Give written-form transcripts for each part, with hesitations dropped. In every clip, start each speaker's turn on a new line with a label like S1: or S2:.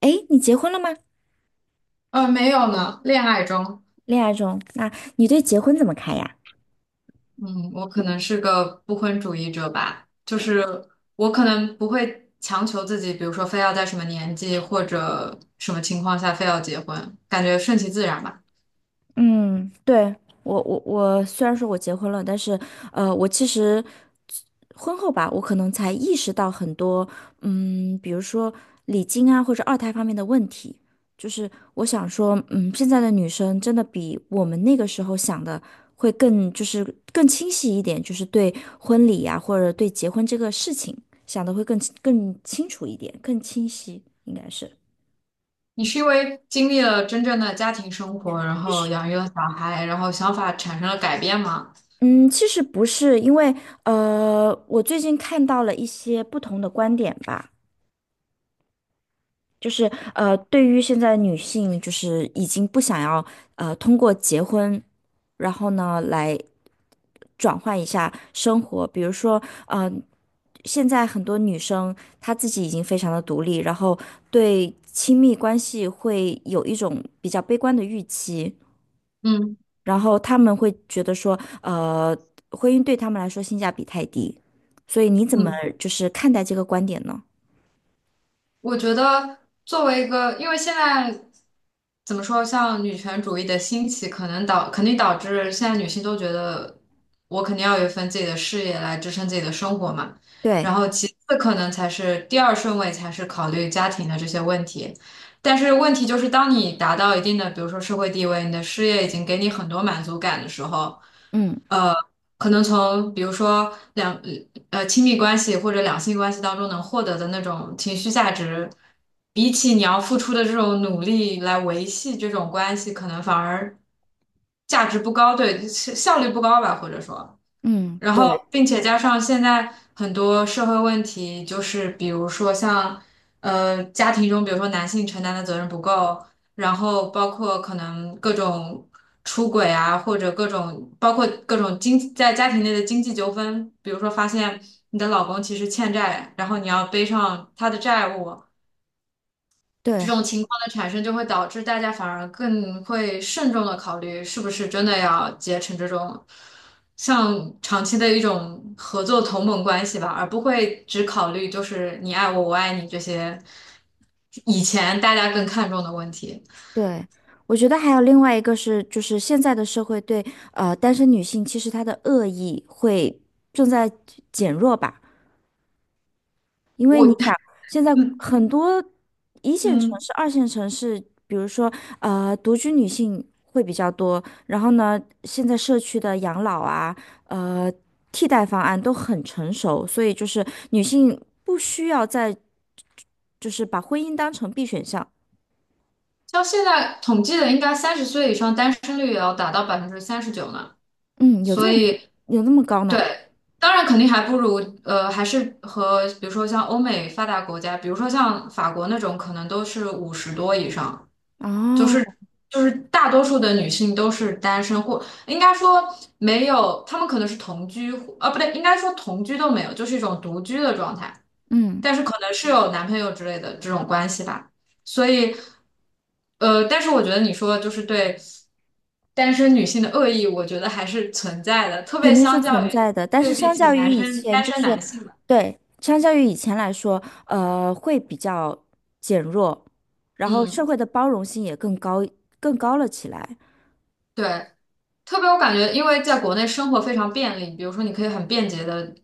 S1: 诶，你结婚了吗？
S2: 没有呢，恋爱中。
S1: 恋爱中，那你对结婚怎么看呀？
S2: 嗯，我可能是个不婚主义者吧。就是我可能不会强求自己，比如说非要在什么年纪或者什么情况下非要结婚，感觉顺其自然吧。
S1: 嗯，对，我虽然说我结婚了，但是我其实婚后吧，我可能才意识到很多，嗯，比如说礼金啊或者二胎方面的问题。就是我想说，嗯，现在的女生真的比我们那个时候想的会更，就是清晰一点，就是对婚礼呀、或者对结婚这个事情想的会更清楚一点，更清晰，应该是。
S2: 你是因为经历了真正的家庭生活，然后养育了小孩，然后想法产生了改变吗？
S1: 嗯，其实不是，因为我最近看到了一些不同的观点吧，就是呃，对于现在女性，就是已经不想要通过结婚，然后呢来转换一下生活，比如说呃，现在很多女生她自己已经非常的独立，然后对亲密关系会有一种比较悲观的预期。
S2: 嗯
S1: 然后他们会觉得说，婚姻对他们来说性价比太低，所以你怎么
S2: 嗯。
S1: 就是看待这个观点呢？
S2: 我觉得作为一个，因为现在怎么说，像女权主义的兴起，可能导肯定导致现在女性都觉得我肯定要有一份自己的事业来支撑自己的生活嘛。然
S1: 对，
S2: 后其次可能才是第二顺位，才是考虑家庭的这些问题。但是问题就是，当你达到一定的，比如说社会地位，你的事业已经给你很多满足感的时候。
S1: 嗯
S2: 呃，可能从比如说亲密关系或者两性关系当中能获得的那种情绪价值，比起你要付出的这种努力来维系这种关系，可能反而价值不高。对，效率不高吧，或者说。
S1: 嗯，
S2: 然
S1: 对
S2: 后，并且加上现在很多社会问题，就是比如说像，家庭中，比如说男性承担的责任不够，然后包括可能各种出轨啊，或者各种包括各种在家庭内的经济纠纷，比如说发现你的老公其实欠债，然后你要背上他的债务，这
S1: 对
S2: 种情况的产生就会导致大家反而更会慎重的考虑是不是真的要结成这种像长期的一种合作同盟关系吧，而不会只考虑就是你爱我，我爱你这些以前大家更看重的问题。
S1: 对，我觉得还有另外一个是，就是现在的社会对单身女性其实她的恶意会正在减弱吧。因为你
S2: 我
S1: 想，现在很多一线城
S2: 嗯，
S1: 市、二线城市，比如说独居女性会比较多。然后呢，现在社区的养老啊，呃，替代方案都很成熟，所以就是女性不需要再就是把婚姻当成 B 选项。
S2: 像现在统计的，应该30岁以上单身率也要达到39%呢，
S1: 嗯，有
S2: 所
S1: 这么
S2: 以。
S1: 有那么高呢？
S2: 对，当然肯定还不如还是和比如说像欧美发达国家，比如说像法国那种，可能都是50多以上。就
S1: 哦，
S2: 是就是大多数的女性都是单身，或应该说没有，她们可能是同居。啊不对，应该说同居都没有，就是一种独居的状态，
S1: 嗯。
S2: 但是可能是有男朋友之类的这种关系吧。所以但是我觉得你说就是对。单身女性的恶意，我觉得还是存在的，特
S1: 肯
S2: 别
S1: 定是
S2: 相较
S1: 存
S2: 于
S1: 在的，但
S2: 对
S1: 是
S2: 比
S1: 相
S2: 起
S1: 较于
S2: 男
S1: 以
S2: 生
S1: 前，
S2: 单
S1: 就
S2: 身
S1: 是
S2: 男性吧。
S1: 对，相较于以前来说，会比较减弱，然后社
S2: 嗯，
S1: 会的包容性也更高，更高了起来。
S2: 对，特别我感觉，因为在国内生活非常便利，比如说你可以很便捷的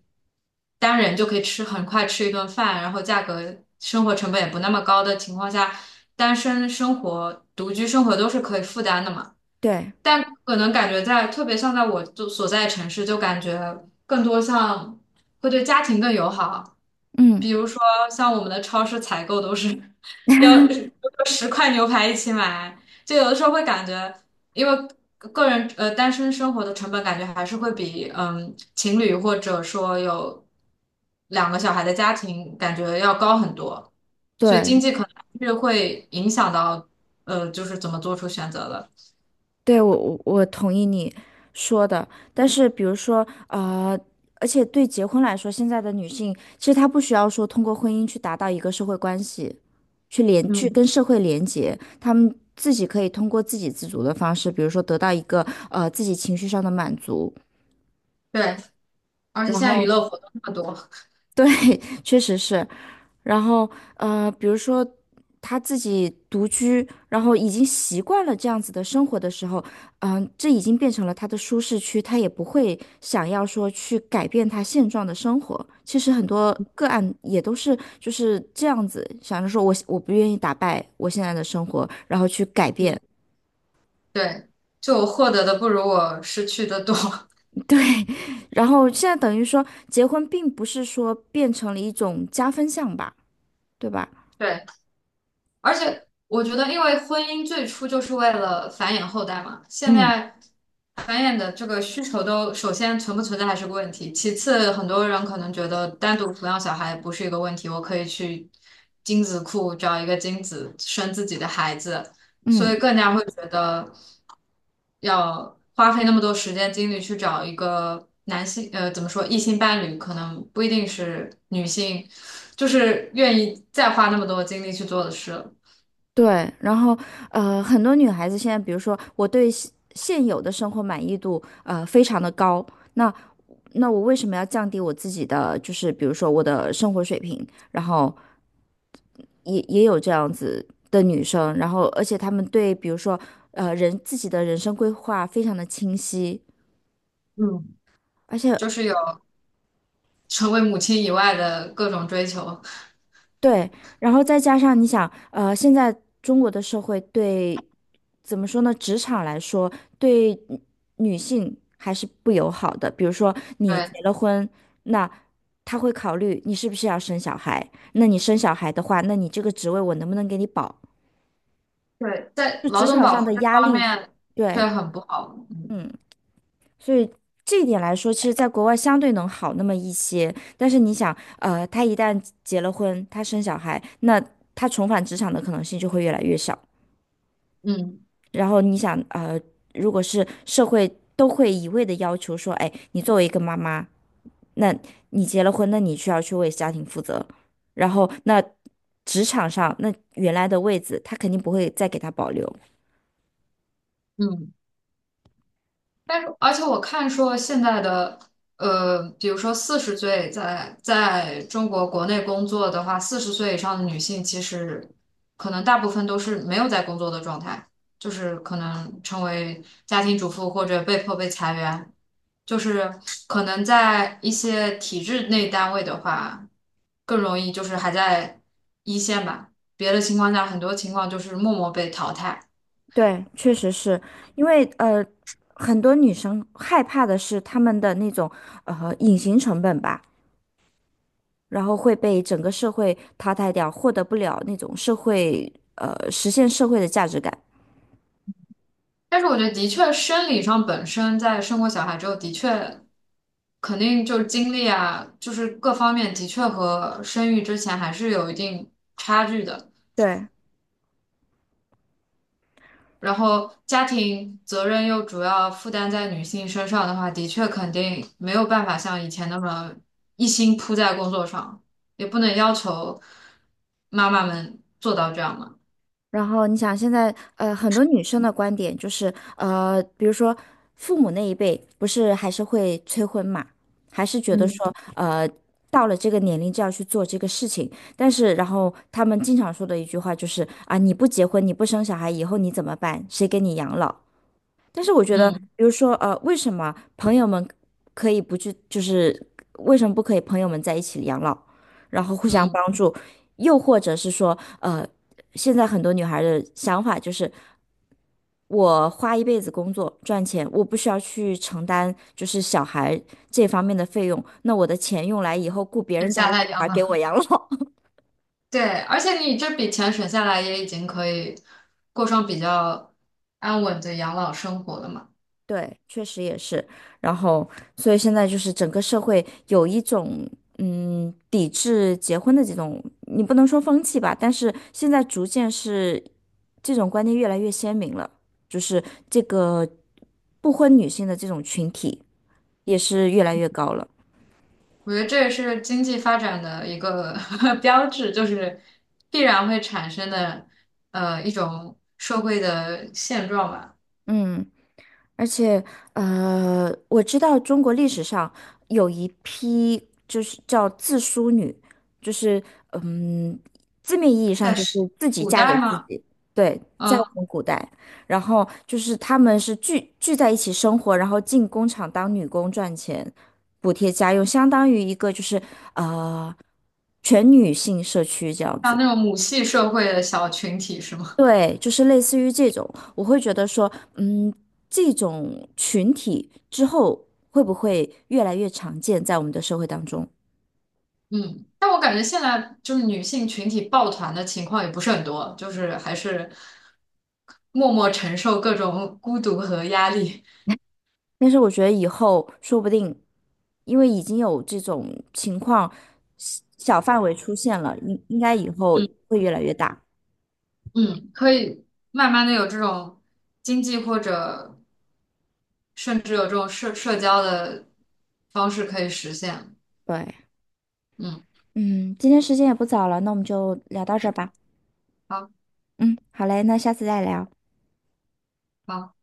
S2: 单人就可以很快吃一顿饭，然后价格生活成本也不那么高的情况下，单身生活、独居生活都是可以负担的嘛。
S1: 对，
S2: 但可能感觉在，特别像在我就所在城市，就感觉更多像会对家庭更友好。
S1: 嗯，
S2: 比如说，像我们的超市采购都是 要10块牛排一起买。就有的时候会感觉，因为个人单身生活的成本，感觉还是会比情侣或者说有2个小孩的家庭感觉要高很多，所以经
S1: 对，
S2: 济可能是会影响到就是怎么做出选择的。
S1: 对，我同意你说的，但是比如说，呃，而且对结婚来说，现在的女性其实她不需要说通过婚姻去达到一个社会关系，去
S2: 嗯。
S1: 跟社会连接，她们自己可以通过自给自足的方式，比如说得到一个自己情绪上的满足，
S2: 对，而且现
S1: 然
S2: 在娱
S1: 后
S2: 乐活动那么多。
S1: 对，确实是，然后比如说他自己独居，然后已经习惯了这样子的生活的时候，嗯、这已经变成了他的舒适区，他也不会想要说去改变他现状的生活。其实很多个案也都是就是这样子，想着说我不愿意打败我现在的生活，然后去改变。
S2: 嗯，对，就我获得的不如我失去的多。
S1: 然后现在等于说结婚并不是说变成了一种加分项吧，对吧？
S2: 对。而且我觉得，因为婚姻最初就是为了繁衍后代嘛，现
S1: 嗯
S2: 在繁衍的这个需求都首先存不存在还是个问题。其次很多人可能觉得单独抚养小孩不是一个问题，我可以去精子库找一个精子生自己的孩子。所
S1: 嗯。
S2: 以更加会觉得要花费那么多时间精力去找一个男性，怎么说，异性伴侣，可能不一定是女性，就是愿意再花那么多精力去做的事了。
S1: 对，然后很多女孩子现在，比如说我对现有的生活满意度非常的高，那那我为什么要降低我自己的，就是比如说我的生活水平？然后也有这样子的女生，然后而且她们对比如说自己的人生规划非常的清晰，
S2: 嗯，
S1: 而且
S2: 就是有成为母亲以外的各种追求。
S1: 对，然后再加上你想，现在中国的社会对，怎么说呢？职场来说，对女性还是不友好的。比如说，你
S2: 对。
S1: 结了婚，那他会考虑你是不是要生小孩。那你生小孩的话，那你这个职位我能不能给你保？
S2: 对，在
S1: 就职
S2: 劳动
S1: 场
S2: 保
S1: 上的
S2: 护这
S1: 压
S2: 方
S1: 力，
S2: 面却
S1: 对，
S2: 很不好。
S1: 嗯。所以这一点来说，其实在国外相对能好那么一些。但是你想，他一旦结了婚，他生小孩，那他重返职场的可能性就会越来越小。
S2: 嗯
S1: 然后你想，如果是社会都会一味的要求说，哎，你作为一个妈妈，那你结了婚，那你需要去为家庭负责。然后那职场上，那原来的位子，他肯定不会再给他保留。
S2: 嗯。但是，而且我看说现在的，比如说四十岁在中国国内工作的话，四十岁以上的女性其实可能大部分都是没有在工作的状态，就是可能成为家庭主妇或者被迫被裁员。就是可能在一些体制内单位的话，更容易就是还在一线吧，别的情况下很多情况就是默默被淘汰。
S1: 对，确实是因为很多女生害怕的是她们的那种隐形成本吧，然后会被整个社会淘汰掉，获得不了那种社会实现社会的价值感。
S2: 但是我觉得的确，生理上本身在生过小孩之后，的确肯定就是精力啊，就是各方面的确和生育之前还是有一定差距的。
S1: 对。
S2: 然后家庭责任又主要负担在女性身上的话，的确肯定没有办法像以前那么一心扑在工作上，也不能要求妈妈们做到这样嘛。
S1: 然后你想，现在很多女生的观点就是，比如说父母那一辈，不是还是会催婚嘛，还是觉得
S2: 嗯。
S1: 说，到了这个年龄就要去做这个事情。但是，然后他们经常说的一句话就是，啊，你不结婚，你不生小孩，以后你怎么办？谁给你养老？但是我觉得，
S2: 嗯
S1: 比如说，为什么朋友们可以不去，就是为什么不可以朋友们在一起养老，然后互相
S2: 嗯，
S1: 帮助？又或者是说，现在很多女孩的想法就是，我花一辈子工作赚钱，我不需要去承担就是小孩这方面的费用，那我的钱用来以后雇别
S2: 很
S1: 人家
S2: 下
S1: 的
S2: 太
S1: 小
S2: 阳
S1: 孩给我
S2: 了。
S1: 养老。
S2: 对，而且你这笔钱省下来，也已经可以过上比较安稳的养老生活了嘛。
S1: 对，确实也是。然后，所以现在就是整个社会有一种嗯抵制结婚的这种，你不能说风气吧，但是现在逐渐是这种观念越来越鲜明了，就是这个不婚女性的这种群体也是越来越高了。
S2: 我觉得这也是经济发展的一个 标志，就是必然会产生的一种社会的现状吧。
S1: 嗯。而且，我知道中国历史上有一批就是叫自梳女，就是嗯，字面意义上
S2: 在
S1: 就是
S2: 是
S1: 自己
S2: 古
S1: 嫁给
S2: 代
S1: 自
S2: 吗？
S1: 己，对，在我
S2: 嗯，
S1: 们古代，然后就是她们是聚在一起生活，然后进工厂当女工赚钱，补贴家用，相当于一个就是全女性社区这样
S2: 像
S1: 子。
S2: 那种母系社会的小群体是吗？
S1: 对，就是类似于这种，我会觉得说，嗯，这种群体之后会不会越来越常见在我们的社会当中？
S2: 嗯，但我感觉现在就是女性群体抱团的情况也不是很多，就是还是默默承受各种孤独和压力。
S1: 但是我觉得以后说不定，因为已经有这种情况小范围出现了，应该以后
S2: 嗯
S1: 会越来越大。
S2: 嗯，可以慢慢的有这种经济或者甚至有这种社交的方式可以实现。
S1: 对，
S2: 嗯，
S1: 嗯，今天时间也不早了，那我们就聊到这儿吧。
S2: 好。
S1: 嗯，好嘞，那下次再聊。
S2: 好